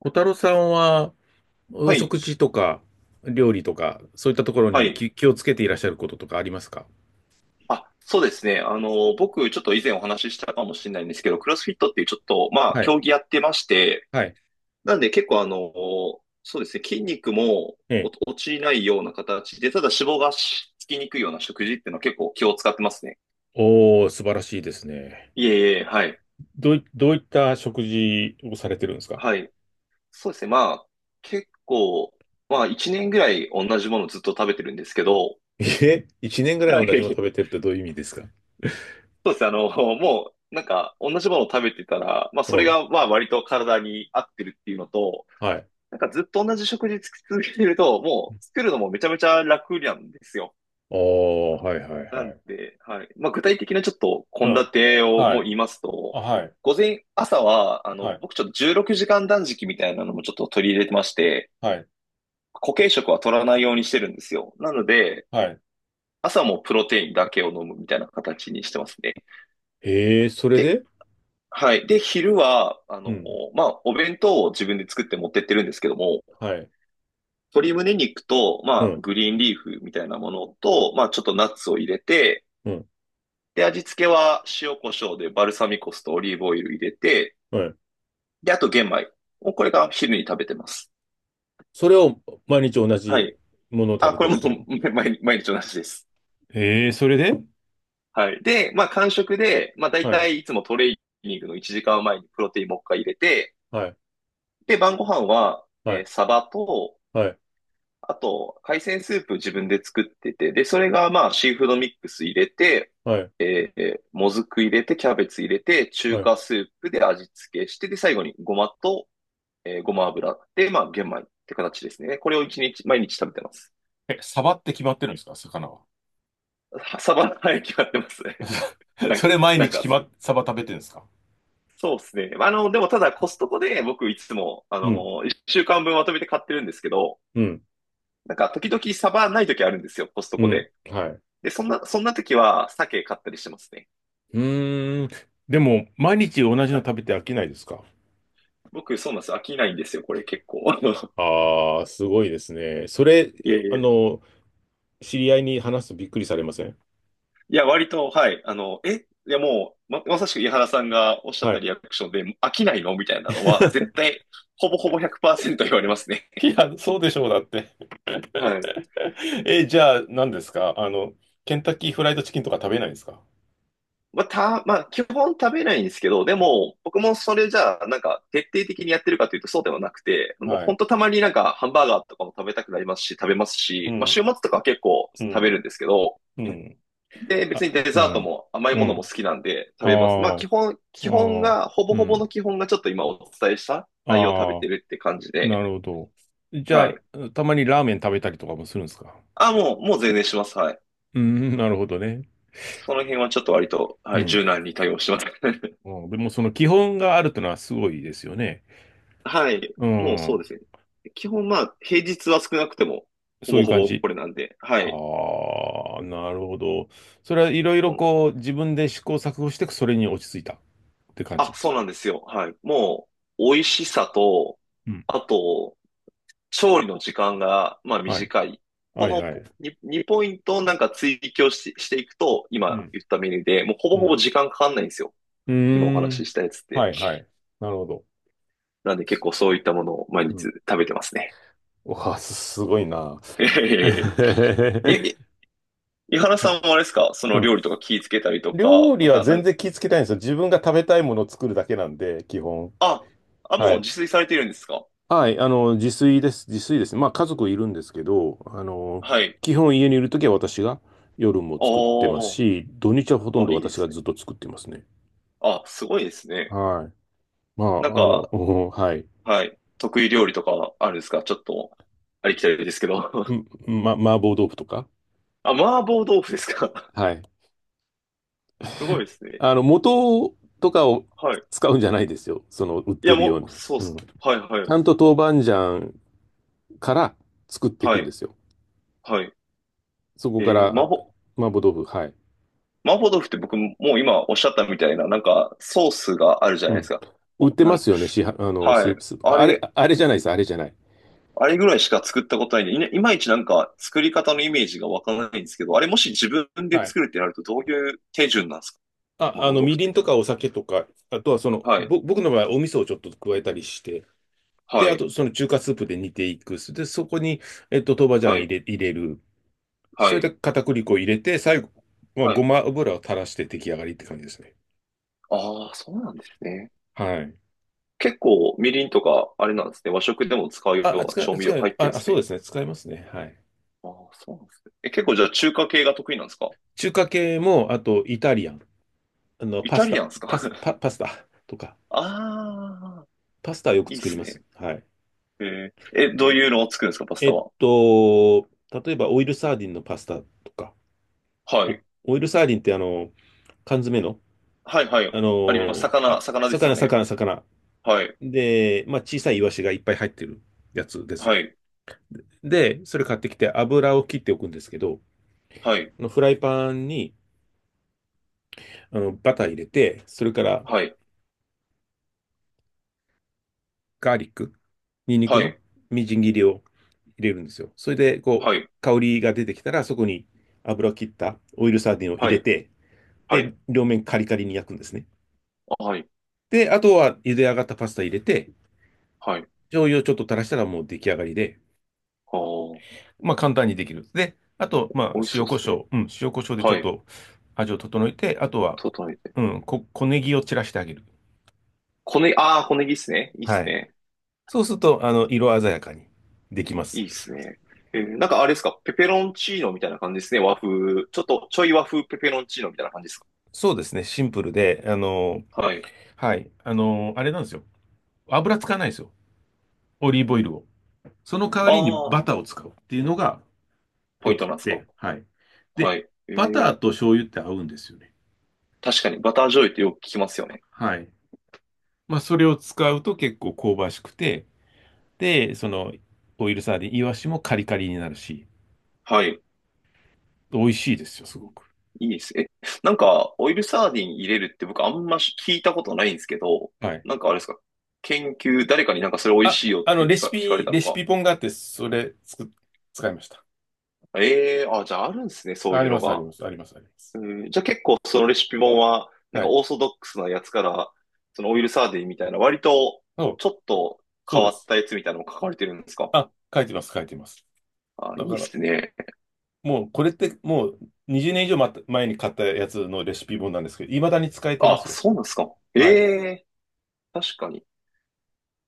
小太郎さんは、おはい。食事とか、料理とか、そういったところはにい。気をつけていらっしゃることとかありますか？あ、そうですね。僕、ちょっと以前お話ししたかもしれないんですけど、クロスフィットっていうちょっと、まあ、はい。競技やってまして、はい。なんで結構そうですね、筋肉もえおえ。落ちないような形で、ただ脂肪がつきにくいような食事っていうのは結構気を使ってますね。おー、素晴らしいですね。いえいえ、はい。どういった食事をされてるんですか？はい。そうですね、まあ、結構、まあ、1年ぐらい同じものずっと食べてるんですけど、一年ぐらはい同じもの食い。べてるってどういう意味ですか？そうですね。もう、なんか、同じものを食べてたら、まあ、うそれん。が、まあ、割と体に合ってるっていうのと、はい。なんかずっと同じ食事続けてると、もう、作るのもめちゃめちゃ楽なんですよ。おー、はい、はい、なはんい。で、はい。まあ、具体的なちょっと、う献ん。立をはもうい。言いますあ、と、はい。午前、朝は、はい。僕ちょっと16時間断食みたいなのもちょっと取り入れてまして、はい。固形食は取らないようにしてるんですよ。なので、はい。朝もプロテインだけを飲むみたいな形にしてますね。それで、で。はい。で、昼は、うん。まあ、お弁当を自分で作って持ってってるんですけども、はい。鶏胸肉と、うまあ、ん。グリーンリーフみたいなものと、まあ、ちょっとナッツを入れて、うん。で、味付けは塩コショウでバルサミコ酢とオリーブオイル入れて、はい。で、あと玄米。もうこれが昼に食べてます。それを毎日同はじい。ものを食あ、べこてれるっも てこと？ 毎日同じです。ええ、それで。はい。で、まあ、間食で、まあ、大はい、体いつもトレーニングの1時間前にプロテインもう一回入れて、はい、で、晩ご飯は、はい、サバと、はい、あと、海鮮スープ自分で作ってて、で、それがまあ、シーフードミックス入れて、はい、もずく入れて、キャベツ入れて、中はい。華スープで味付けして、で、最後にごまと、ごま油で、まあ、玄米って形ですね。これを一日、毎日食べてます。え、サバって決まってるんですか、魚は？はサバの早決買ってますね。なんそか、れ毎なん日か、決まっ、サバ食べてるんですか？そうですね。でもただコストコで僕いつも、うん、週間分まとめて買ってるんですけど、うん、なんか時々サバない時あるんですよ、コストうコん、で。はい。で、そんな時は鮭買ったりしてますね。うーん。でも、毎日同じはのい、食べて飽きないですか？僕、そうなんです。飽きないんですよ、これ結構。あの、ああー、すごいですね。それ、いやいやいあや、の、知り合いに話すとびっくりされません？いや割と、はい。あの、え、いやもう、まさしく井原さんがおっしゃっはたい。リアクションで、飽きないのみたいなのは、絶 対、ほぼほぼ100%言われますね。いや、そうでしょう、だって。はい。え、じゃあ、何ですか、ケンタッキーフライドチキンとか食べないんですか？まあ、まあ、基本食べないんですけど、でも、僕もそれじゃあ、なんか、徹底的にやってるかというとそうではなくて、もうはほんい。とたまになんか、ハンバーガーとかも食べたくなりますし、食べますうし、まあ、ん。週末とかは結構う食べん、るんですけど、うん、で、あ、別にデうザートん、も甘いうものも好ん、きなんで食あべます。まあ基あ、本、基本ああ、が、ほぼうほぼん、の基本がちょっと今お伝えした内容を食べてああ、るって感じで、なるほど。じはゃい。あ、たまにラーメン食べたりとかもするんですか？あ、もう全然します。はい。うん。なるほどね。その辺はちょっと割と、うはい、ん。柔軟に対応してます。うん、でもその基本があるというのはすごいですよね。はい。うもうそうん、ですね。基本まあ、平日は少なくても、ほそうぼいうほ感ぼじ。これなんで、はあい。あ、なるほど。それはいろいそうろなんこう自分で試行錯誤してそれに落ち着いたって感あ、じ。そうなんですよ。はい。もう、美味しさと、うん。あと、調理の時間が、まあ、はい。短い。こはい、のはポ い。2, 2ポイントをなんか追求し、していくと、う今ん。言ったメニューで、もうほぼうほぼん。時間かかんないんですよ。う今おー話しん。したやつっはて。い、はい。なるほど。なんで結構そういったものを毎う日ん。食べてますね。うわ、すごいな。え え。井原さんもあれですか、そうのん。料理とか気ぃつけたりとか、料ま理はたな全んか、然気ぃつけないんですよ。自分が食べたいものを作るだけなんで、基本。あ、あ、はもうい。自炊されてるんですか。はい。自炊です。自炊ですね。まあ、家族いるんですけど、はい。基本家にいるときは私が夜も作ってますあし、土日はほとんあ、どいいで私がすずね。っと作ってますね。あ、すごいですね。はい。まなんあ、か、うん、はい。はい。得意料理とかあるんですか、ちょっと、ありきたりですけど。う ん。麻婆豆腐とか。あ、麻婆豆腐ですか。 はい。すごいですね。素とかをはい。使うんじゃないですよ。その、売っいや、てるようもう、な。そうっうん。す。ちはいはい。ゃんと豆板醤から作っていはくんでい。すよ。はい。そこかえー、麻ら、婆、麻婆豆腐、はい。麻婆豆腐って僕もう今おっしゃったみたいな、なんかソースがあるじゃうないですん。か。売っお、てなまん、すよね、市販、スはい。ープ、スープ。ああれ、れ、あれじゃないです、あれじゃない。あれぐらいしか作ったことないんで、いまいちなんか作り方のイメージがわからないんですけど、あれもし自分ではい。作るってなるとどういう手順なんですか、あ、麻婆豆み腐っりんて。とかお酒とか、あとはその、はい。僕の場合、お味噌をちょっと加えたりして、で、はあい。と、その中華スープで煮ていく。で、そこに、豆板醤はい。入れる。そはれい。で片栗粉を入れて、最後、まあ、はごい。ま油を垂らして出来上がりって感じですね。ああ、そうなんですね。はい。結構、みりんとか、あれなんですね。和食でも使うよあ、うな使い、調味料使い、入ってんであ、すそうでね。すね。使いますね。はい。ああ、そうなんですね。え、結構じゃあ中華系が得意なんですか。中華系も、あとイタリアン、イタリアンですか。 パスタとか、ああ、パスタはよいくいっ作りすまね。す。はい。えー、え、どういうのを作るんですか、パスタは。例えばオイルサーディンのパスタとか、はおい。オイルサーディンって缶詰の、はい、はい。あります。魚ですよね。魚。はい。で、まあ、小さいイワシがいっぱい入ってるやつですはよ。い。で、それ買ってきて油を切っておくんですけど、はい。フライパンにバター入れて、それからはい。ガーリック、ニンニクはのい。みじん切りを入れるんですよ。それで、こう、はい。香りが出てきたら、そこに油を切ったオイルサーディンを入はれい。て、はで、い。両面カリカリに焼くんですね。はい。で、あとは茹で上がったパスタ入れて、はい。醤油をちょっと垂らしたらもう出来上がりで、ああ、まあ簡単にできる。で、あと、まあ美味しそ塩うでコすシね。ョウ、うん、塩コショウでちょはっい。と味を整えて、あとは、整えて。うん、小ネギを散らしてあげる。小ねぎ、ああ、小ネギっすね。いいっすはい。ね。そうすると、色鮮やかにできまいいす。ですね。えーなんかあれですか、ペペロンチーノみたいな感じですね。和風。ちょっとちょい和風ペペロンチーノみたいな感じですか。そうですね、シンプルで、はい。はい。あれなんですよ。油使わないですよ。オリーブオイルを。その代わありにあ、バターを使うっていうのがポイよンくトっなんですか。て、はい。はで、い。えバター、ーと醤油って合うんですよね。確かにバター醤油ってよく聞きますよね。はい。まあ、それを使うと結構香ばしくて、で、その、オイルサーディン、イワシもカリカリになるし、はい。美味しいですよ、すごく。いいです。え、なんか、オイルサーディン入れるって僕あんまし聞いたことないんですけど、はい。なんかあれですか、研究、誰かになんかそれ美味あ、しいよって聞かれたレのシか。ピ本があって、それ、使いました。ええー、あ、じゃああるんですね、そうあいりうまのす、ありが。ます、あります、あります。うん、じゃあ結構そのレシピ本は、なんはかい。オーソドックスなやつから、そのオイルサーディンみたいな、割とそう、ちょっとそ変うでわっす。たやつみたいなのも書かれてるんですか。あ、書いてます、書いてます。あ、だいいかっら、すね。もうこれってもう20年以上前に買ったやつのレシピ本なんですけど、未だに使えてまあ、すよ。そうなんですか。えはい。え、確かに。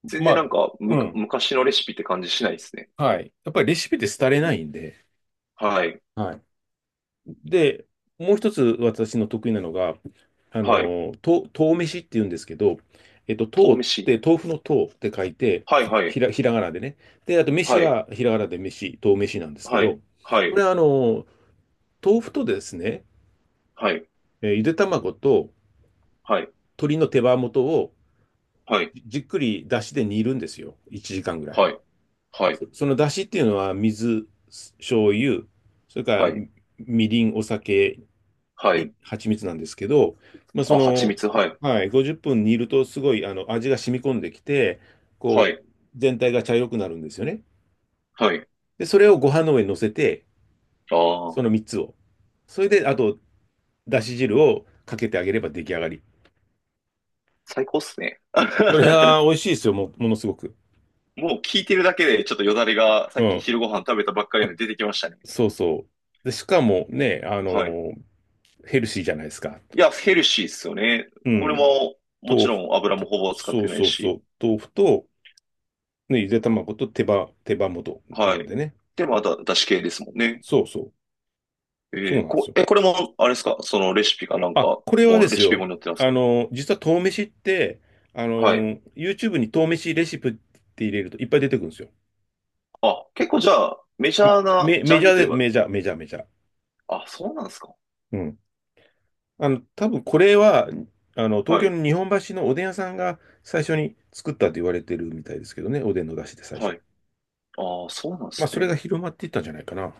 全ま然なんあ、か、うん。昔のレシピって感じしないですね。はい。やっぱりレシピって廃れないんで。はい。はい。で、もう一つ私の得意なのが、はい。豆飯って言うんですけど、豆豆っ飯。て豆腐の豆って書いて、はいはい。ひらがなでね。で、あとは飯い。はひらがなで飯、豆飯なんですけはい。ど、はこれは豆腐とですね、い。ゆで卵とはい。鶏の手羽元をはい。じっくり出汁で煮るんですよ。1時間ぐらはい。い。はい。その出汁っていうのは水、醤油、それからはい。はい。みりん、お酒はにい。蜂蜜なんですけど、まあ、そあ、蜂の、蜜。はい。はい、50分煮るとすごい味が染み込んできて、はこい。う、全体が茶色くなるんですよね。はい。で、それをご飯の上に乗せて、あそあ、の3つを。それで、あと、だし汁をかけてあげれば出来上がり。最高っすね。それは 美味しいですよ、ものすごく。もう聞いてるだけで、ちょっとよだれが、さうっきん。昼ご飯食べたばっかりなので出てきましたね。そうそう。で、しかもね、はい。ヘルシーじゃないですか。いや、ヘルシーっすよね。うこれん。も、も豆ちろ腐ん油もと、ほぼ使っそてう、ないそう、そし。う。豆腐と、ね、ゆで卵と手羽元なはんい。でね。で、また、だし系ですもんね。そうそう。そうなんですよ。これも、あれですか、そのレシピかなんあ、か、これはでレすシピよ。本に載ってますか。実は豆飯って、はい。YouTube に豆飯レシピって入れるといっぱい出てくるんですよ。あ、結構じゃあ、メジャーなジメャンジャルといえーで、ば、メジャー、メジャー、メジャー。あ、そうなんですか。うん。多分これは、東は京い。の日本橋のおでん屋さんが最初に作ったと言われてるみたいですけどね。おでんの出汁で最初。はい。ああ、そうなんでまあ、すそれがね。広まっていったんじゃないかな。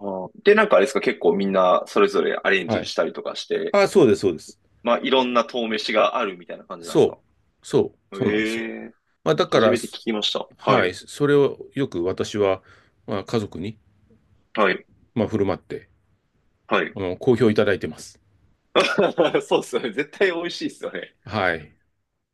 あーで、なんかあれですか、結構みんな、それぞれアレンはジい。したりとかして、あ、そうです、そうです。まあ、いろんな遠飯があるみたいな感じなんですそう、か。そう、えそうなんですよ。え、まあ、だか初ら、めて聞すきました。ははい、い。それをよく私は、まあ、家族に、はい。まあ、振る舞って、はい。好評いただいてます。そうっすよね。絶対美味しいですよね。はい、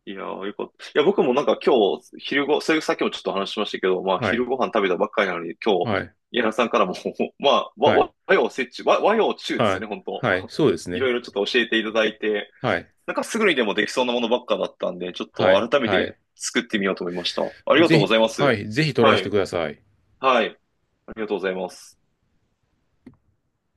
いやー、よかった。いや、僕もなんか今日、それさっきもちょっと話しましたけど、まあ、は昼い、ご飯食べたばっかりなのに、今日、はい、柳さんからも まあ、はい、和洋折衷、和洋中ですはよね、い、本当 はい、そうですいろね。いろちょっと教えていただいて、はい、なんかすぐにでもできそうなものばっかだったんで、ちょっはとい、改めはてい。作ってみようと思いました。ありがとぜうごひ、ざいまはす。い、ぜひトライはしてい。ください。はい。ありがとうございます。